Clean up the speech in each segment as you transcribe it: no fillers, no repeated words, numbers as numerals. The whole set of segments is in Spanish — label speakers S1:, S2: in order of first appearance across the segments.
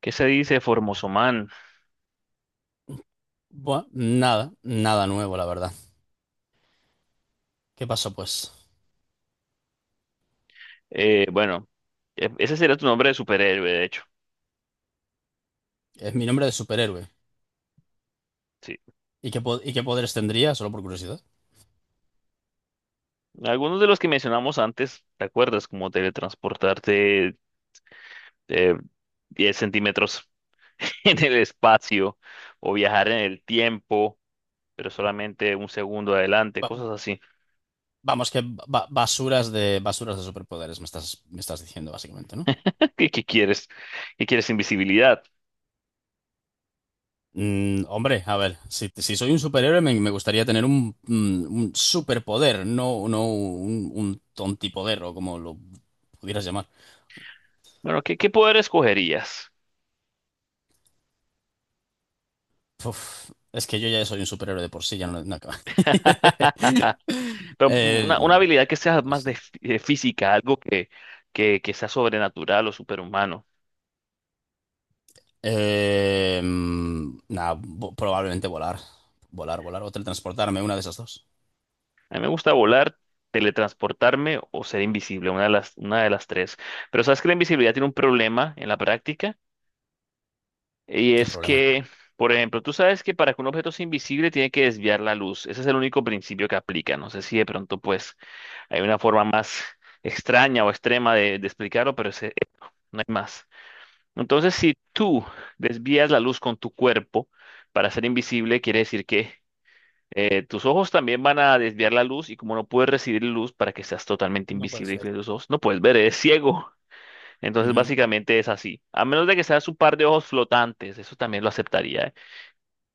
S1: ¿Qué se dice, Formosoman?
S2: Bueno, nada, nada nuevo, la verdad. ¿Qué pasó, pues?
S1: Eh, bueno, Ese sería tu nombre de superhéroe, de hecho.
S2: Es mi nombre de superhéroe.
S1: Sí.
S2: ¿Y qué, y qué poderes tendría? Solo por curiosidad.
S1: Algunos de los que mencionamos antes, ¿te acuerdas? Como teletransportarte eh, 10 centímetros en el espacio o viajar en el tiempo, pero solamente un segundo adelante,
S2: Ba-
S1: cosas así.
S2: Vamos, que basuras de superpoderes me estás diciendo, básicamente, ¿no?
S1: ¿Qué quieres? ¿Qué quieres invisibilidad?
S2: Hombre, a ver, si soy un superhéroe, me gustaría tener un, un superpoder, no un, un tontipoder o como lo pudieras llamar.
S1: Bueno, ¿qué poder escogerías?
S2: Uf, es que yo ya soy un superhéroe de por sí, ya no acaba.
S1: Pero una
S2: Yo
S1: habilidad que sea
S2: no
S1: más
S2: sé.
S1: de de física, algo que sea sobrenatural o superhumano.
S2: Nada, probablemente volar. Volar, volar o teletransportarme, una de esas dos.
S1: A mí me gusta volar, teletransportarme o ser invisible, una de las tres. Pero sabes que la invisibilidad tiene un problema en la práctica y
S2: ¿Qué
S1: es
S2: problema?
S1: que, por ejemplo, tú sabes que para que un objeto sea invisible tiene que desviar la luz. Ese es el único principio que aplica. No sé si de pronto pues hay una forma más extraña o extrema de explicarlo, pero ese, no hay más. Entonces, si tú desvías la luz con tu cuerpo para ser invisible, quiere decir que tus ojos también van a desviar la luz y como no puedes recibir luz para que seas totalmente
S2: No puede
S1: invisible y
S2: ser.
S1: que tus ojos no puedes ver, eres ciego. Entonces
S2: Ujú.
S1: básicamente es así. A menos de que seas un par de ojos flotantes, eso también lo aceptaría, ¿eh?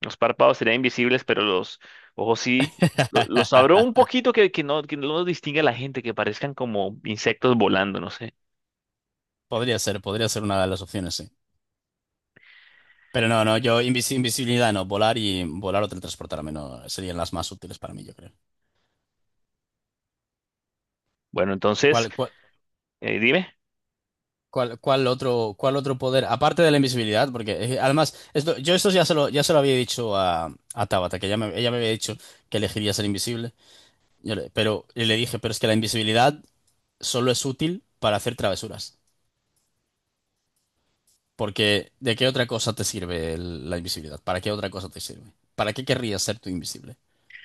S1: Los párpados serían invisibles, pero los ojos sí, los abro un poquito que no los distingue a la gente, que parezcan como insectos volando, no sé.
S2: Podría ser una de las opciones, sí. Pero no, yo invisibilidad no, volar y volar o teletransportarme no serían las más útiles para mí, yo creo.
S1: Bueno, entonces,
S2: ¿Cuál, cuál,
S1: dime,
S2: ¿Cuál otro, cuál otro poder? Aparte de la invisibilidad, porque además, esto, yo esto ya ya se lo había dicho a Tabata, que ella me había dicho que elegiría ser invisible. Pero y le dije, pero es que la invisibilidad solo es útil para hacer travesuras. Porque ¿de qué otra cosa te sirve la invisibilidad? ¿Para qué otra cosa te sirve? ¿Para qué querrías ser tú invisible?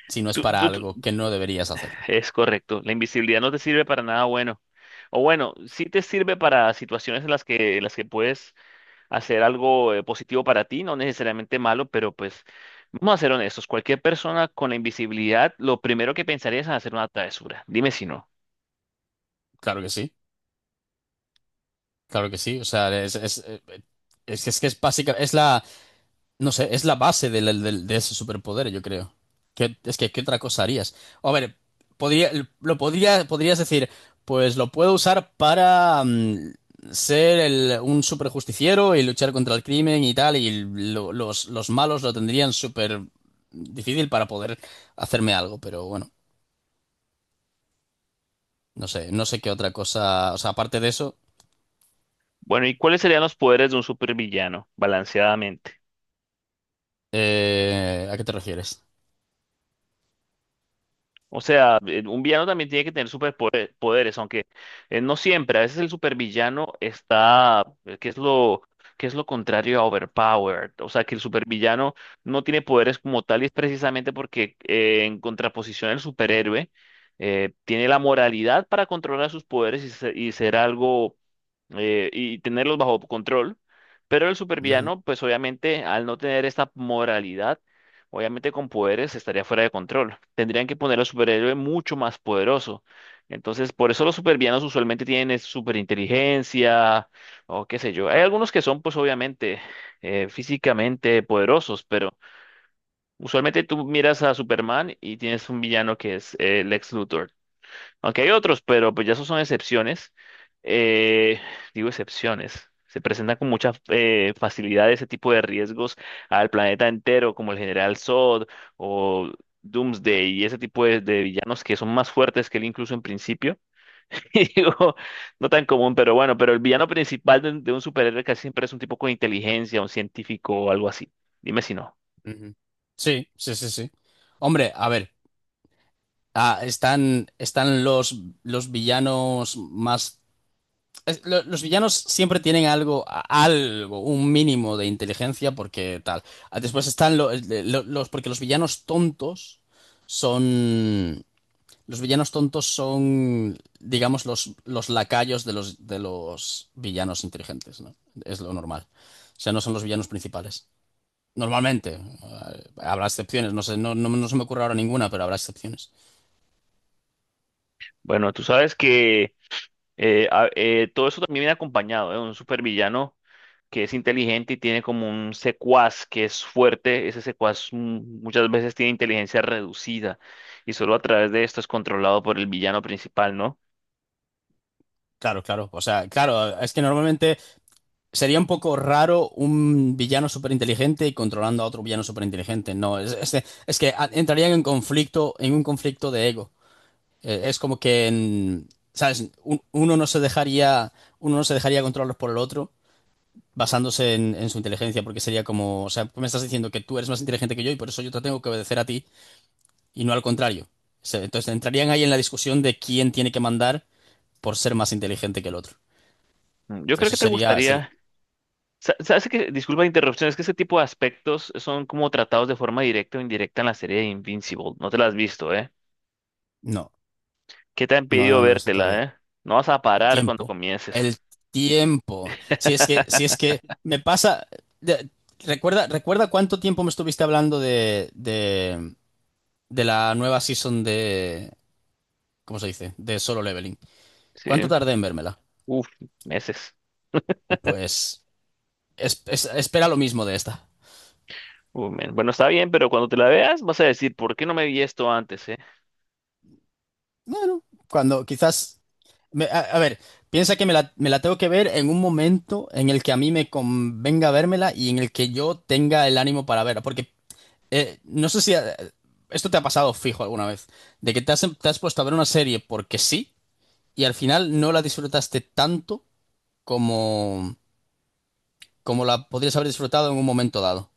S2: Si no es
S1: tú,
S2: para
S1: tú,
S2: algo
S1: tú-
S2: que no deberías hacer.
S1: es correcto, la invisibilidad no te sirve para nada bueno. O bueno, sí te sirve para situaciones en las que puedes hacer algo positivo para ti, no necesariamente malo, pero pues vamos a ser honestos, cualquier persona con la invisibilidad, lo primero que pensaría es en hacer una travesura. Dime si no.
S2: Claro que sí, claro que sí. O sea, que es básica, no sé, es la base de ese superpoder, yo creo. ¿Qué otra cosa harías? A ver, podría, podrías decir, pues lo puedo usar para ser un superjusticiero y luchar contra el crimen y tal, y los malos lo tendrían súper difícil para poder hacerme algo, pero bueno, no sé, no sé qué otra cosa, o sea, aparte de eso,
S1: Bueno, ¿y cuáles serían los poderes de un supervillano, balanceadamente?
S2: ¿a qué te refieres?
S1: O sea, un villano también tiene que tener superpoderes, aunque no siempre. A veces el supervillano está, qué es lo contrario a overpowered? O sea, que el supervillano no tiene poderes como tal y es precisamente porque en contraposición el superhéroe tiene la moralidad para controlar sus poderes y, y ser algo y tenerlos bajo control. Pero el supervillano, pues obviamente, al no tener esta moralidad, obviamente con poderes estaría fuera de control. Tendrían que poner al superhéroe mucho más poderoso. Entonces, por eso los supervillanos usualmente tienen superinteligencia o qué sé yo. Hay algunos que son, pues obviamente, físicamente poderosos, pero usualmente tú miras a Superman y tienes un villano que es Lex Luthor. Aunque hay otros, pero pues ya esos son excepciones. Eh, digo excepciones. Se presentan con mucha facilidad ese tipo de riesgos al planeta entero, como el General Zod o Doomsday y ese tipo de villanos que son más fuertes que él incluso en principio. Y digo, no tan común, pero bueno, pero el villano principal de un superhéroe casi siempre es un tipo con inteligencia, un científico o algo así. Dime si no.
S2: Ujú, ujú. Sí, sí, sí, sí. Hombre, a ver. Están los villanos más... Los villanos siempre tienen algo, algo, un mínimo de inteligencia porque tal. Ah, después están porque los villanos tontos son, los villanos tontos son, digamos, los lacayos de los villanos inteligentes, ¿no? Es lo normal. O sea, no son los villanos principales. Normalmente. Ah, habrá excepciones, no sé, no se me ocurre ahora ninguna, pero habrá excepciones.
S1: Bueno, tú sabes que todo eso también viene acompañado de un supervillano que es inteligente y tiene como un secuaz que es fuerte, ese secuaz muchas veces tiene inteligencia reducida y solo a través de esto es controlado por el villano principal, ¿no?
S2: Claro, claro. O sea, claro, es que normalmente sería un poco raro un villano súper inteligente y controlando a otro villano súper inteligente. No, es que entrarían en conflicto, en un conflicto de ego. Es como que, ¿sabes? Uno no se dejaría, uno no se dejaría controlar por el otro basándose en su inteligencia, porque sería como, o sea, me estás diciendo que tú eres más inteligente que yo y por eso yo te tengo que obedecer a ti y no al contrario. Entonces entrarían ahí en la discusión de quién tiene que mandar por ser más inteligente que el otro.
S1: Mm, yo creo
S2: Eso
S1: que te
S2: sería, sería-
S1: gustaría, sabes que, disculpa la interrupción, es que ese tipo de aspectos son como tratados de forma directa o indirecta en la serie de Invincible, no te la has visto, ¿eh?
S2: No,
S1: ¿Qué te ha
S2: no, no
S1: impedido
S2: no lo he visto todavía.
S1: vértela, eh? No vas a
S2: El
S1: parar cuando
S2: tiempo.
S1: comiences,
S2: El tiempo. Si es que, si es que me pasa. de- Recuerda, recuerda cuánto tiempo me estuviste hablando de la nueva season de. ¿Cómo se dice? De Solo Leveling.
S1: ¿sí?
S2: ¿Cuánto tardé en vérmela?
S1: Uf, meses.
S2: Pues espera lo mismo de esta.
S1: Uf, men. Bueno, está bien, pero cuando te la veas vas a decir, ¿por qué no me vi esto antes, eh?
S2: Bueno, cuando quizás. A, a ver, piensa que me la tengo que ver en un momento en el que a mí me convenga vérmela y en el que yo tenga el ánimo para verla. Porque no sé si esto te ha pasado fijo alguna vez, de que te has puesto a ver una serie porque sí y al final no la disfrutaste tanto como, como la podrías haber disfrutado en un momento dado.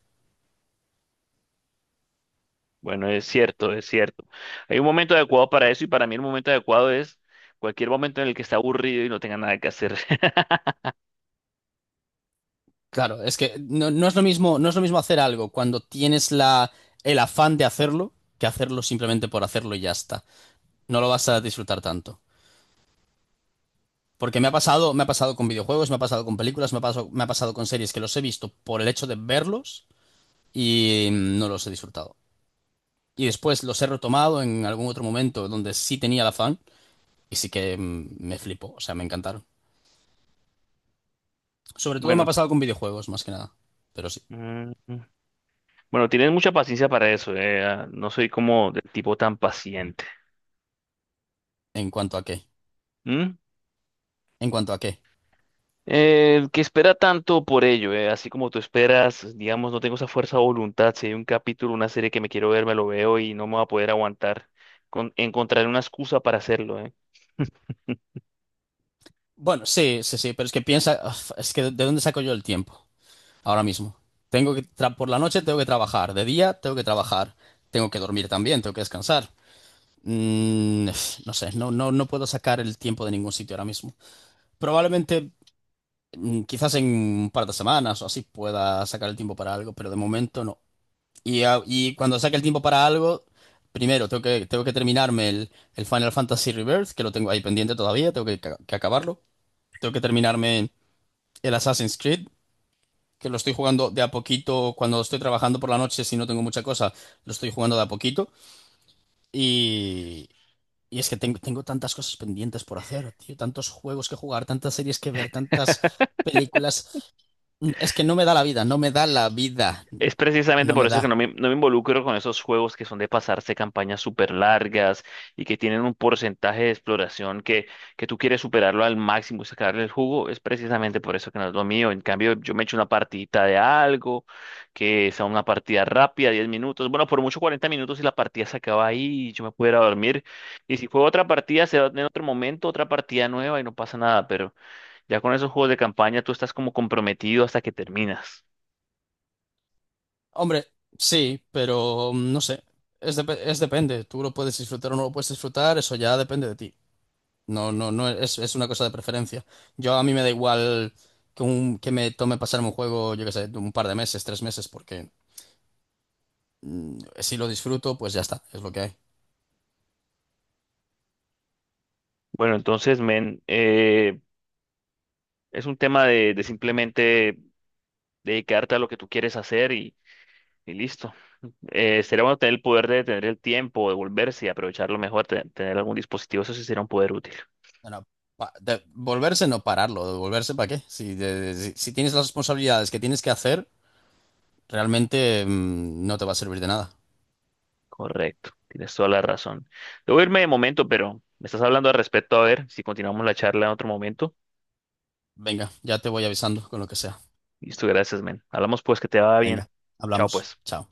S1: Bueno, es cierto, es cierto. Hay un momento adecuado para eso y para mí el momento adecuado es cualquier momento en el que está aburrido y no tenga nada que hacer.
S2: Claro, es que no es lo mismo, no es lo mismo hacer algo cuando tienes la, el afán de hacerlo que hacerlo simplemente por hacerlo y ya está. No lo vas a disfrutar tanto. Porque me ha pasado con videojuegos, me ha pasado con películas, me ha pasado con series que los he visto por el hecho de verlos y no los he disfrutado. Y después los he retomado en algún otro momento donde sí tenía la fan y sí que me flipó, o sea, me encantaron. Sobre todo me ha
S1: Bueno,
S2: pasado con videojuegos, más que nada. Pero sí,
S1: mm, mm, bueno, tienes mucha paciencia para eso. No soy como del tipo tan paciente.
S2: en cuanto a qué.
S1: ¿Mm?
S2: En cuanto a qué.
S1: El que espera tanto por ello, así como tú esperas, digamos, no tengo esa fuerza de voluntad. Si hay un capítulo, una serie que me quiero ver, me lo veo y no me va a poder aguantar. Con, encontraré una excusa para hacerlo, ¿eh?
S2: Bueno, sí, sí, sí, pero es que piensa, uf, es que ¿de dónde saco yo el tiempo? Ahora mismo. Tengo que, por la noche tengo que trabajar, de día tengo que trabajar, tengo que dormir también, tengo que descansar. Uf, no sé, no puedo sacar el tiempo de ningún sitio ahora mismo. Probablemente quizás en un par de semanas o así pueda sacar el tiempo para algo, pero de momento no. Y, y cuando saque el tiempo para algo, primero tengo que terminarme el Final Fantasy Rebirth, que lo tengo ahí pendiente todavía, tengo que, que acabarlo. Tengo que terminarme el Assassin's Creed, que lo estoy jugando de a poquito cuando estoy trabajando por la noche, si no tengo mucha cosa, lo estoy jugando de a poquito. Y, y es que tengo, tengo tantas cosas pendientes por hacer, tío, tantos juegos que jugar, tantas series que ver, tantas películas. Es que no me da la vida, no me da la vida,
S1: Es precisamente
S2: no
S1: por
S2: me
S1: eso que
S2: da.
S1: no me involucro con esos juegos que son de pasarse campañas súper largas y que tienen un porcentaje de exploración que tú quieres superarlo al máximo y sacarle el jugo. Es precisamente por eso que no es lo mío. En cambio, yo me echo una partidita de algo, que sea una partida rápida, 10 minutos. Bueno, por mucho 40 minutos y la partida se acaba ahí y yo me puedo ir a dormir. Y si juego otra partida, se va en otro momento, otra partida nueva y no pasa nada. Pero ya con esos juegos de campaña tú estás como comprometido hasta que terminas.
S2: Hombre, sí, pero no sé, es depende, tú lo puedes disfrutar o no lo puedes disfrutar, eso ya depende de ti. No, no, no, es una cosa de preferencia. Yo a mí me da igual que, un, que me tome pasarme un juego, yo qué sé, un par de meses, tres meses, porque si lo disfruto, pues ya está, es lo que hay.
S1: Bueno, entonces, men, es un tema de simplemente dedicarte a lo que tú quieres hacer y listo. Sería bueno tener el poder de tener el tiempo, de volverse y aprovecharlo mejor, tener algún dispositivo, eso sí sería un poder útil.
S2: No, no, volverse no pararlo, de volverse para qué. Si, si, si tienes las responsabilidades que tienes que hacer, realmente no te va a servir de nada.
S1: Correcto, tienes toda la razón. Debo irme de momento, pero me estás hablando al respecto, a ver si continuamos la charla en otro momento.
S2: Venga, ya te voy avisando con lo que sea.
S1: Listo, gracias, men. Hablamos pues, que te va bien.
S2: Venga,
S1: Chao,
S2: hablamos.
S1: pues.
S2: Chao.